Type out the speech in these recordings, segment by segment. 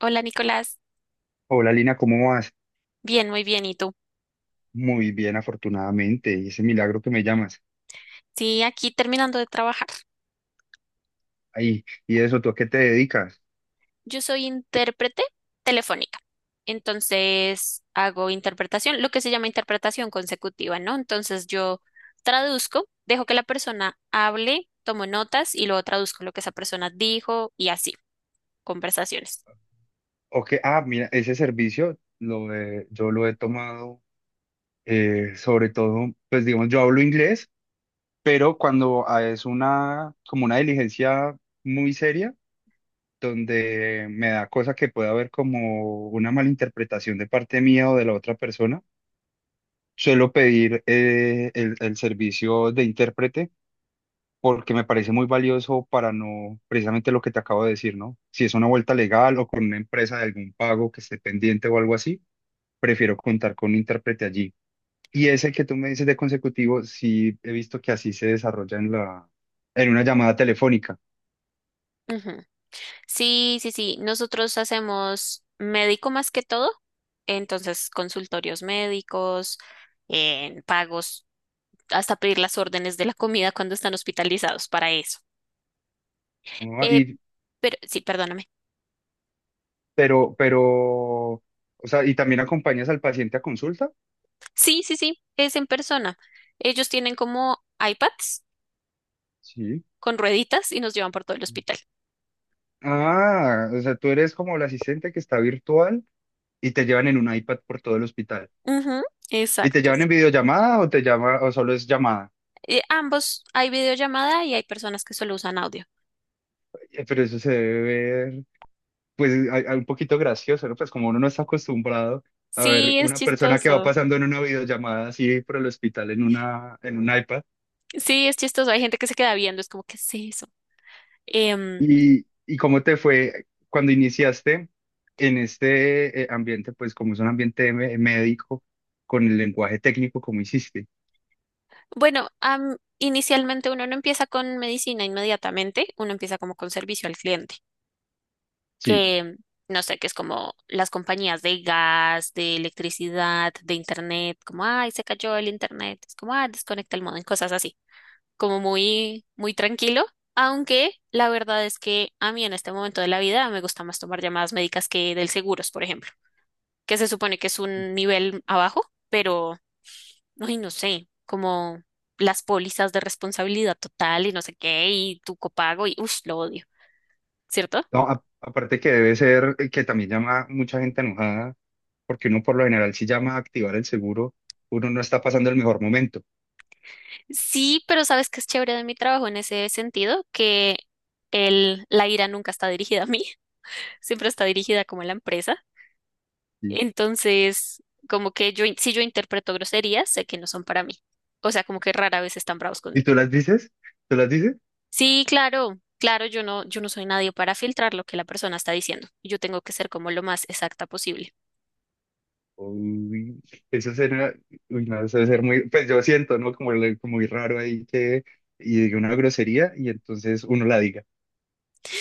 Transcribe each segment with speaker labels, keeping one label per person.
Speaker 1: Hola Nicolás,
Speaker 2: Hola Lina, ¿cómo vas?
Speaker 1: bien, muy bien. ¿Y tú?
Speaker 2: Muy bien, afortunadamente. Y ese milagro que me llamas.
Speaker 1: Sí, aquí terminando de trabajar.
Speaker 2: Ahí, y eso, ¿tú a qué te dedicas?
Speaker 1: Yo soy intérprete telefónica, entonces hago interpretación, lo que se llama interpretación consecutiva, ¿no? Entonces yo traduzco, dejo que la persona hable, tomo notas y luego traduzco lo que esa persona dijo y así, conversaciones.
Speaker 2: O que, ah, mira, ese servicio lo he- yo lo he tomado sobre todo, pues digamos, yo hablo inglés, pero cuando es una, como una diligencia muy seria, donde me da cosa que pueda haber como una malinterpretación de parte mía o de la otra persona, suelo pedir el servicio de intérprete porque me parece muy valioso para no, precisamente lo que te acabo de decir, ¿no? Si es una vuelta legal o con una empresa de algún pago que esté pendiente o algo así, prefiero contar con un intérprete allí. Y ese que tú me dices de consecutivo, sí he visto que así se desarrolla en una llamada telefónica,
Speaker 1: Ujú. Sí, sí, sí. Nosotros hacemos médico más que todo, entonces consultorios médicos, en pagos, hasta pedir las órdenes de la comida cuando están hospitalizados para eso.
Speaker 2: ¿no?
Speaker 1: Eh,
Speaker 2: Y,
Speaker 1: pero sí, perdóname.
Speaker 2: pero, o sea, ¿y también acompañas al paciente a consulta?
Speaker 1: Sí, sí, sí, es en persona. Ellos tienen como iPads
Speaker 2: Sí.
Speaker 1: con rueditas y nos llevan por todo el hospital.
Speaker 2: Ah, o sea, tú eres como el asistente que está virtual y te llevan en un iPad por todo el hospital.
Speaker 1: Ujú,
Speaker 2: ¿Y te
Speaker 1: exacto.
Speaker 2: llaman en videollamada o te llama o solo es llamada?
Speaker 1: Ambos, hay videollamada y hay personas que solo usan audio.
Speaker 2: Pero eso se debe ver, pues, a un poquito gracioso, ¿no? Pues como uno no está acostumbrado a ver
Speaker 1: Sí, es
Speaker 2: una persona que va
Speaker 1: chistoso.
Speaker 2: pasando en una videollamada así por el hospital en un iPad.
Speaker 1: Sí, es chistoso. Hay gente que se queda viendo, es como, ¿qué es eso? Em,
Speaker 2: ¿Y cómo te fue cuando iniciaste en este ambiente, pues como es un ambiente médico, con el lenguaje técnico, ¿cómo hiciste?
Speaker 1: bueno, inicialmente uno no empieza con medicina inmediatamente, uno empieza como con servicio al cliente.
Speaker 2: Sí.
Speaker 1: Que, no sé, que es como las compañías de gas, de electricidad, de internet, como, ay, se cayó el internet, es como, ah, desconecta el modem, cosas así, como muy, muy tranquilo, aunque la verdad es que a mí en este momento de la vida me gusta más tomar llamadas médicas que del seguros, por ejemplo, que se supone que es un nivel abajo, pero, ay, no sé, como las pólizas de responsabilidad total y no sé qué, y tu copago, y, uff, lo odio, ¿cierto?
Speaker 2: No, aparte que debe ser que también llama mucha gente enojada porque uno por lo general si llama a activar el seguro, uno no está pasando el mejor momento.
Speaker 1: Sí, pero sabes que es chévere de mi trabajo en ese sentido, que la ira nunca está dirigida a mí, siempre está dirigida como a la empresa.
Speaker 2: ¿Y,
Speaker 1: Entonces, como que yo, si yo interpreto groserías, sé que no son para mí. O sea, como que rara vez están bravos
Speaker 2: ¿y
Speaker 1: conmigo.
Speaker 2: tú las dices? ¿Tú las dices?
Speaker 1: Sí, claro, claro, yo no soy nadie para filtrar lo que la persona está diciendo. Yo tengo que ser como lo más exacta posible.
Speaker 2: Uy, eso será, uy, no, eso debe ser muy, pues yo siento, ¿no? Como, como muy raro ahí que, y diga una grosería y entonces uno la diga.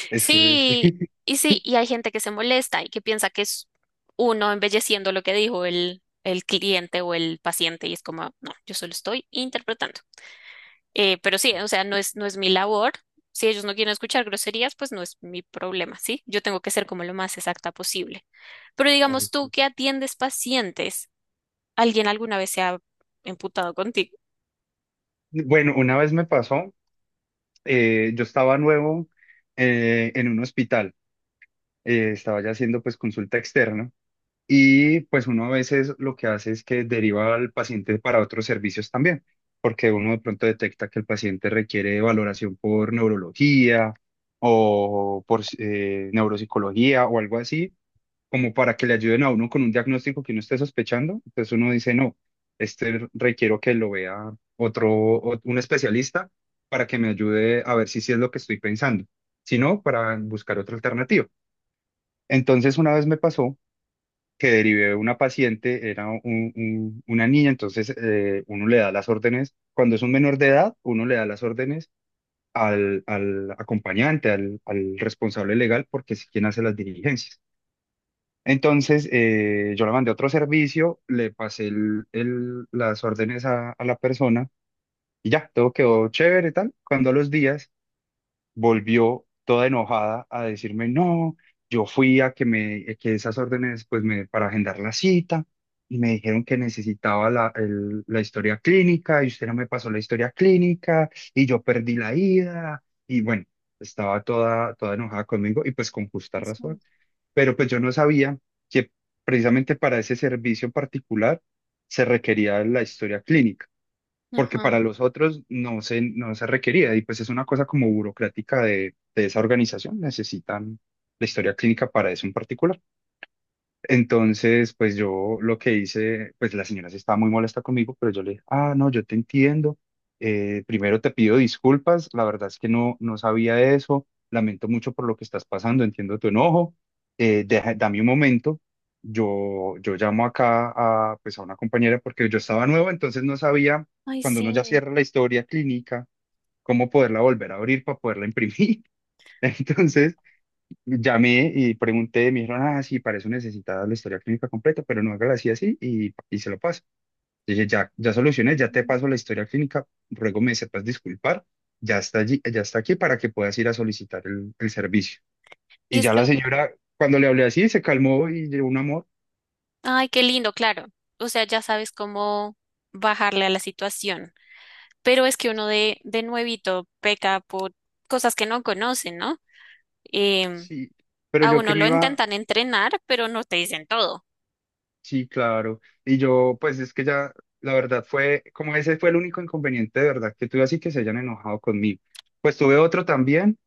Speaker 2: Es- es-
Speaker 1: Sí, y sí, y hay gente que se molesta y que piensa que es uno embelleciendo lo que dijo el cliente o el paciente y es como, no, yo solo estoy interpretando. Pero sí, o sea, no es mi labor. Si ellos no quieren escuchar groserías, pues no es mi problema, ¿sí? Yo tengo que ser como lo más exacta posible. Pero digamos tú
Speaker 2: ok.
Speaker 1: que atiendes pacientes, ¿alguien alguna vez se ha emputado contigo?
Speaker 2: Bueno, una vez me pasó, yo estaba nuevo en un hospital, estaba ya haciendo pues consulta externa. Y pues uno a veces lo que hace es que deriva al paciente para otros servicios también, porque uno de pronto detecta que el paciente requiere valoración por neurología o por neuropsicología o algo así, como para que le ayuden a uno con un diagnóstico que uno esté sospechando. Entonces uno dice, no, este requiero que lo vea otro, un especialista para que me ayude a ver si sí es lo que estoy pensando, si no, para buscar otra alternativa. Entonces una vez me pasó que derivé de una paciente, era una niña, entonces uno le da las órdenes, cuando es un menor de edad, uno le da las órdenes al acompañante, al responsable legal, porque es quien hace las diligencias. Entonces yo la mandé a otro servicio, le pasé las órdenes a la persona y ya, todo quedó chévere y tal. Cuando a los días volvió toda enojada a decirme, no, yo fui a que me, que esas órdenes, pues me, para agendar la cita, y me dijeron que necesitaba la historia clínica, y usted no me pasó la historia clínica, y yo perdí la ida, y bueno, estaba toda enojada conmigo, y pues con justa
Speaker 1: Eso.
Speaker 2: razón, pero pues yo no sabía que precisamente para ese servicio particular se requería la historia clínica porque
Speaker 1: Ajá.
Speaker 2: para los otros no se requería y pues es una cosa como burocrática de esa organización, necesitan la historia clínica para eso en particular. Entonces, pues yo lo que hice, pues la señora se estaba muy molesta conmigo, pero yo le dije, ah, no, yo te entiendo. Primero te pido disculpas, la verdad es que no, no sabía eso, lamento mucho por lo que estás pasando, entiendo tu enojo. Dame un momento, yo llamo acá a, pues, a una compañera porque yo estaba nuevo, entonces no sabía
Speaker 1: Ay,
Speaker 2: cuando uno ya
Speaker 1: sí.
Speaker 2: cierra la historia clínica, cómo poderla volver a abrir para poderla imprimir. Entonces... Llamé y pregunté, me dijeron, ah, sí, para eso necesitas la historia clínica completa, pero no hágala así, así, y se lo paso. Dije, ya, ya solucioné, ya te paso la historia clínica, ruego me sepas disculpar, ya está allí, ya está aquí para que puedas ir a solicitar el servicio.
Speaker 1: Y
Speaker 2: Y
Speaker 1: es
Speaker 2: ya
Speaker 1: que
Speaker 2: la señora, cuando le hablé así, se calmó y de un amor,
Speaker 1: ay, qué lindo, claro. O sea, ya sabes cómo bajarle a la situación. Pero es que uno de nuevito peca por cosas que no conocen, ¿no? Em,
Speaker 2: sí, pero
Speaker 1: a
Speaker 2: yo que
Speaker 1: uno
Speaker 2: me
Speaker 1: lo
Speaker 2: iba,
Speaker 1: intentan entrenar, pero no te dicen todo.
Speaker 2: sí, claro, y yo, pues es que ya, la verdad fue, como ese fue el único inconveniente de verdad que tuve así que se hayan enojado conmigo. Pues tuve otro también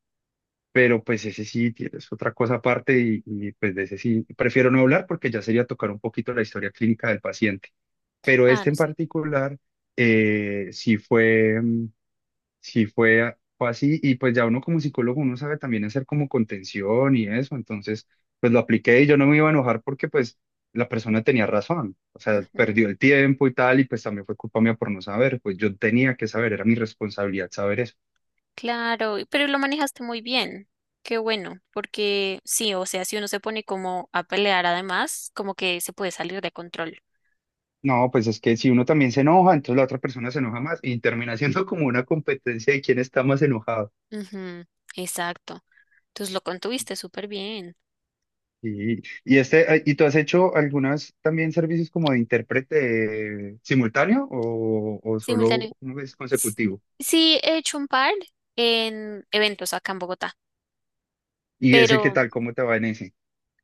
Speaker 2: pero pues ese sí es otra cosa aparte y, pues de ese sí prefiero no hablar porque ya sería tocar un poquito la historia clínica del paciente. Pero
Speaker 1: Ah,
Speaker 2: este
Speaker 1: no
Speaker 2: en
Speaker 1: sé.
Speaker 2: particular sí fue, sí fue, fue así y pues ya uno como psicólogo uno sabe también hacer como contención y eso, entonces pues lo apliqué y yo no me iba a enojar porque pues la persona tenía razón, o sea,
Speaker 1: Ujú,
Speaker 2: perdió el tiempo y tal y pues también fue culpa mía por no saber, pues yo tenía que saber, era mi responsabilidad saber eso.
Speaker 1: claro, pero lo manejaste muy bien. Qué bueno, porque sí, o sea, si uno se pone como a pelear además, como que se puede salir de control.
Speaker 2: No, pues es que si uno también se enoja, entonces la otra persona se enoja más y termina siendo como una competencia de quién está más enojado.
Speaker 1: Ujú, exacto. Entonces lo contuviste súper bien.
Speaker 2: Y ¿y tú has hecho algunas también servicios como de intérprete simultáneo o solo
Speaker 1: Simultáneo.
Speaker 2: una vez consecutivo?
Speaker 1: Sí, he hecho un par en eventos acá en Bogotá,
Speaker 2: ¿Y ese qué
Speaker 1: pero
Speaker 2: tal? ¿Cómo te va en ese?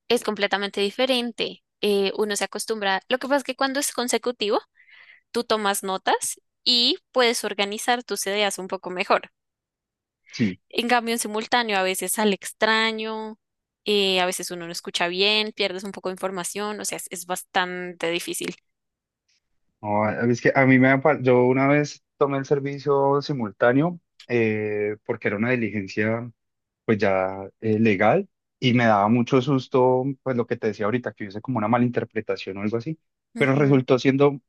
Speaker 1: es completamente diferente. Uno se acostumbra. Lo que pasa es que cuando es consecutivo, tú tomas notas y puedes organizar tus ideas un poco mejor.
Speaker 2: Sí.
Speaker 1: En cambio, en simultáneo, a veces sale extraño, a veces uno no escucha bien, pierdes un poco de información, o sea, es bastante difícil.
Speaker 2: No, es que a mí me, yo una vez tomé el servicio simultáneo porque era una diligencia pues ya legal y me daba mucho susto, pues lo que te decía ahorita, que hubiese como una mala interpretación o algo así, pero
Speaker 1: Ujú,
Speaker 2: resultó siendo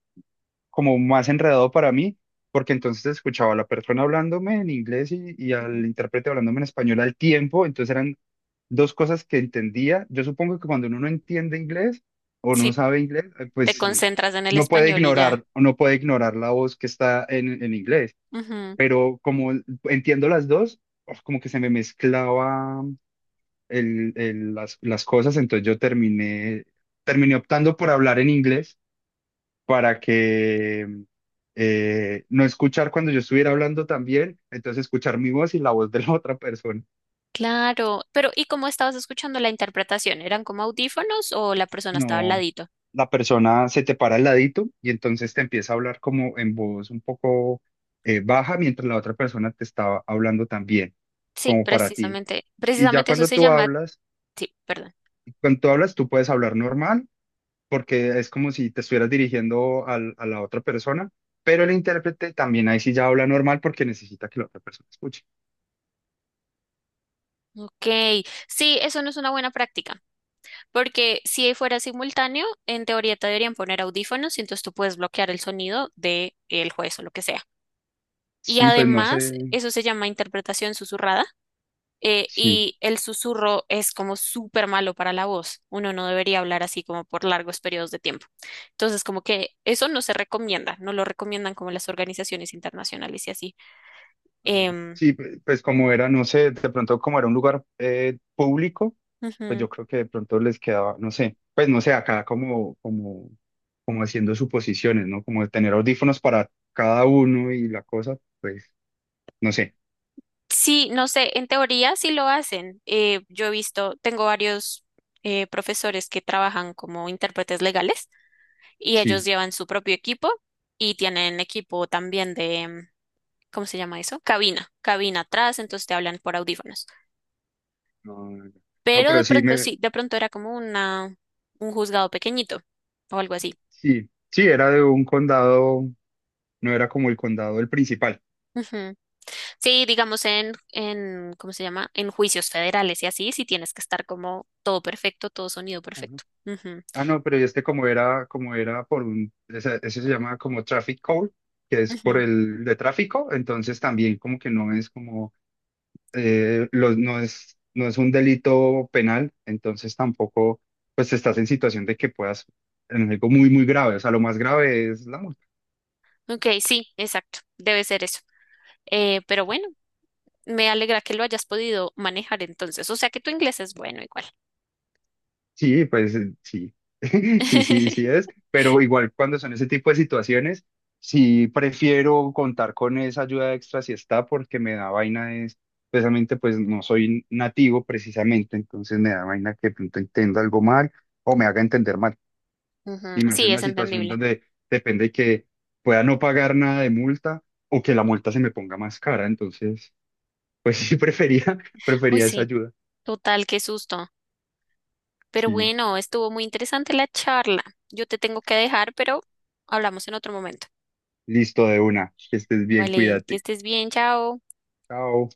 Speaker 2: como más enredado para mí, porque entonces escuchaba a la persona hablándome en inglés y
Speaker 1: ujú.
Speaker 2: al intérprete hablándome en español al tiempo, entonces eran dos cosas que entendía. Yo supongo que cuando uno no entiende inglés o no
Speaker 1: Sí,
Speaker 2: sabe inglés,
Speaker 1: te concentras en el
Speaker 2: uno puede
Speaker 1: español y
Speaker 2: ignorar, no puede ignorar la voz que está en inglés,
Speaker 1: ya.
Speaker 2: pero como entiendo las dos, oh, como que se me mezclaba las cosas, entonces yo terminé, terminé optando por hablar en inglés para que no escuchar cuando yo estuviera hablando también, entonces escuchar mi voz y la voz de la otra persona.
Speaker 1: Claro, pero ¿y cómo estabas escuchando la interpretación? ¿Eran como audífonos o la persona estaba al
Speaker 2: No,
Speaker 1: ladito?
Speaker 2: la persona se te para al ladito y entonces te empieza a hablar como en voz un poco baja mientras la otra persona te estaba hablando también,
Speaker 1: Sí,
Speaker 2: como para ti.
Speaker 1: precisamente,
Speaker 2: Y ya
Speaker 1: precisamente eso se llama, sí, perdón.
Speaker 2: cuando tú hablas, tú puedes hablar normal porque es como si te estuvieras dirigiendo a la otra persona, pero el intérprete también ahí sí ya habla normal porque necesita que la otra persona escuche.
Speaker 1: Ok, sí, eso no es una buena práctica, porque si fuera simultáneo, en teoría te deberían poner audífonos y entonces tú puedes bloquear el sonido de el juez o lo que sea. Y
Speaker 2: Sí, pues no
Speaker 1: además,
Speaker 2: sé,
Speaker 1: eso se llama interpretación susurrada,
Speaker 2: sí.
Speaker 1: y el susurro es como súper malo para la voz. Uno no debería hablar así como por largos periodos de tiempo. Entonces, como que eso no se recomienda, no lo recomiendan como las organizaciones internacionales y así.
Speaker 2: A ver,
Speaker 1: Em,
Speaker 2: sí, pues como era, no sé, de pronto como era un lugar público, pues
Speaker 1: Ujú.
Speaker 2: yo creo que de pronto les quedaba, no sé, pues no sé, acá como haciendo suposiciones, ¿no? Como de tener audífonos para cada uno y la cosa, pues no sé,
Speaker 1: Sí, no sé, en teoría sí lo hacen. Yo he visto, tengo varios profesores que trabajan como intérpretes legales y ellos
Speaker 2: sí.
Speaker 1: llevan su propio equipo y tienen equipo también de, ¿cómo se llama eso? Cabina, cabina atrás, entonces te hablan por audífonos.
Speaker 2: No, no, no,
Speaker 1: Pero
Speaker 2: pero
Speaker 1: de
Speaker 2: sí,
Speaker 1: pronto
Speaker 2: me,
Speaker 1: sí, de pronto era como una, un juzgado pequeñito o algo así.
Speaker 2: sí, sí, era de un condado, no era como el condado el principal.
Speaker 1: Ujú. Sí, digamos en, ¿cómo se llama? En juicios federales y así, sí tienes que estar como todo perfecto, todo sonido
Speaker 2: Ajá.
Speaker 1: perfecto. Ujú,
Speaker 2: Ah, no, pero este como era por un, ese se llama como traffic code, que es por
Speaker 1: ujú.
Speaker 2: el de tráfico, entonces también como que no es como, los, no es, no es un delito penal, entonces tampoco, pues estás en situación de que puedas, en algo muy, muy grave, o sea, lo más grave es la multa.
Speaker 1: Ok, sí, exacto, debe ser eso. Pero bueno, me alegra que lo hayas podido manejar entonces. O sea que tu inglés es bueno igual.
Speaker 2: Sí, pues sí, sí, sí, sí es, pero igual cuando son ese tipo de situaciones, sí prefiero contar con esa ayuda extra si está, porque me da vaina es, precisamente pues no soy nativo precisamente, entonces me da vaina que de pronto entienda algo mal o me haga entender mal,
Speaker 1: Ujú,
Speaker 2: y me hace
Speaker 1: sí, es
Speaker 2: una situación
Speaker 1: entendible.
Speaker 2: donde depende que pueda no pagar nada de multa o que la multa se me ponga más cara, entonces pues sí prefería,
Speaker 1: Uy,
Speaker 2: prefería esa
Speaker 1: sí,
Speaker 2: ayuda,
Speaker 1: total, qué susto. Pero
Speaker 2: sí,
Speaker 1: bueno, estuvo muy interesante la charla. Yo te tengo que dejar, pero hablamos en otro momento.
Speaker 2: listo de una, que estés bien,
Speaker 1: Vale, que
Speaker 2: cuídate,
Speaker 1: estés bien, chao.
Speaker 2: chao.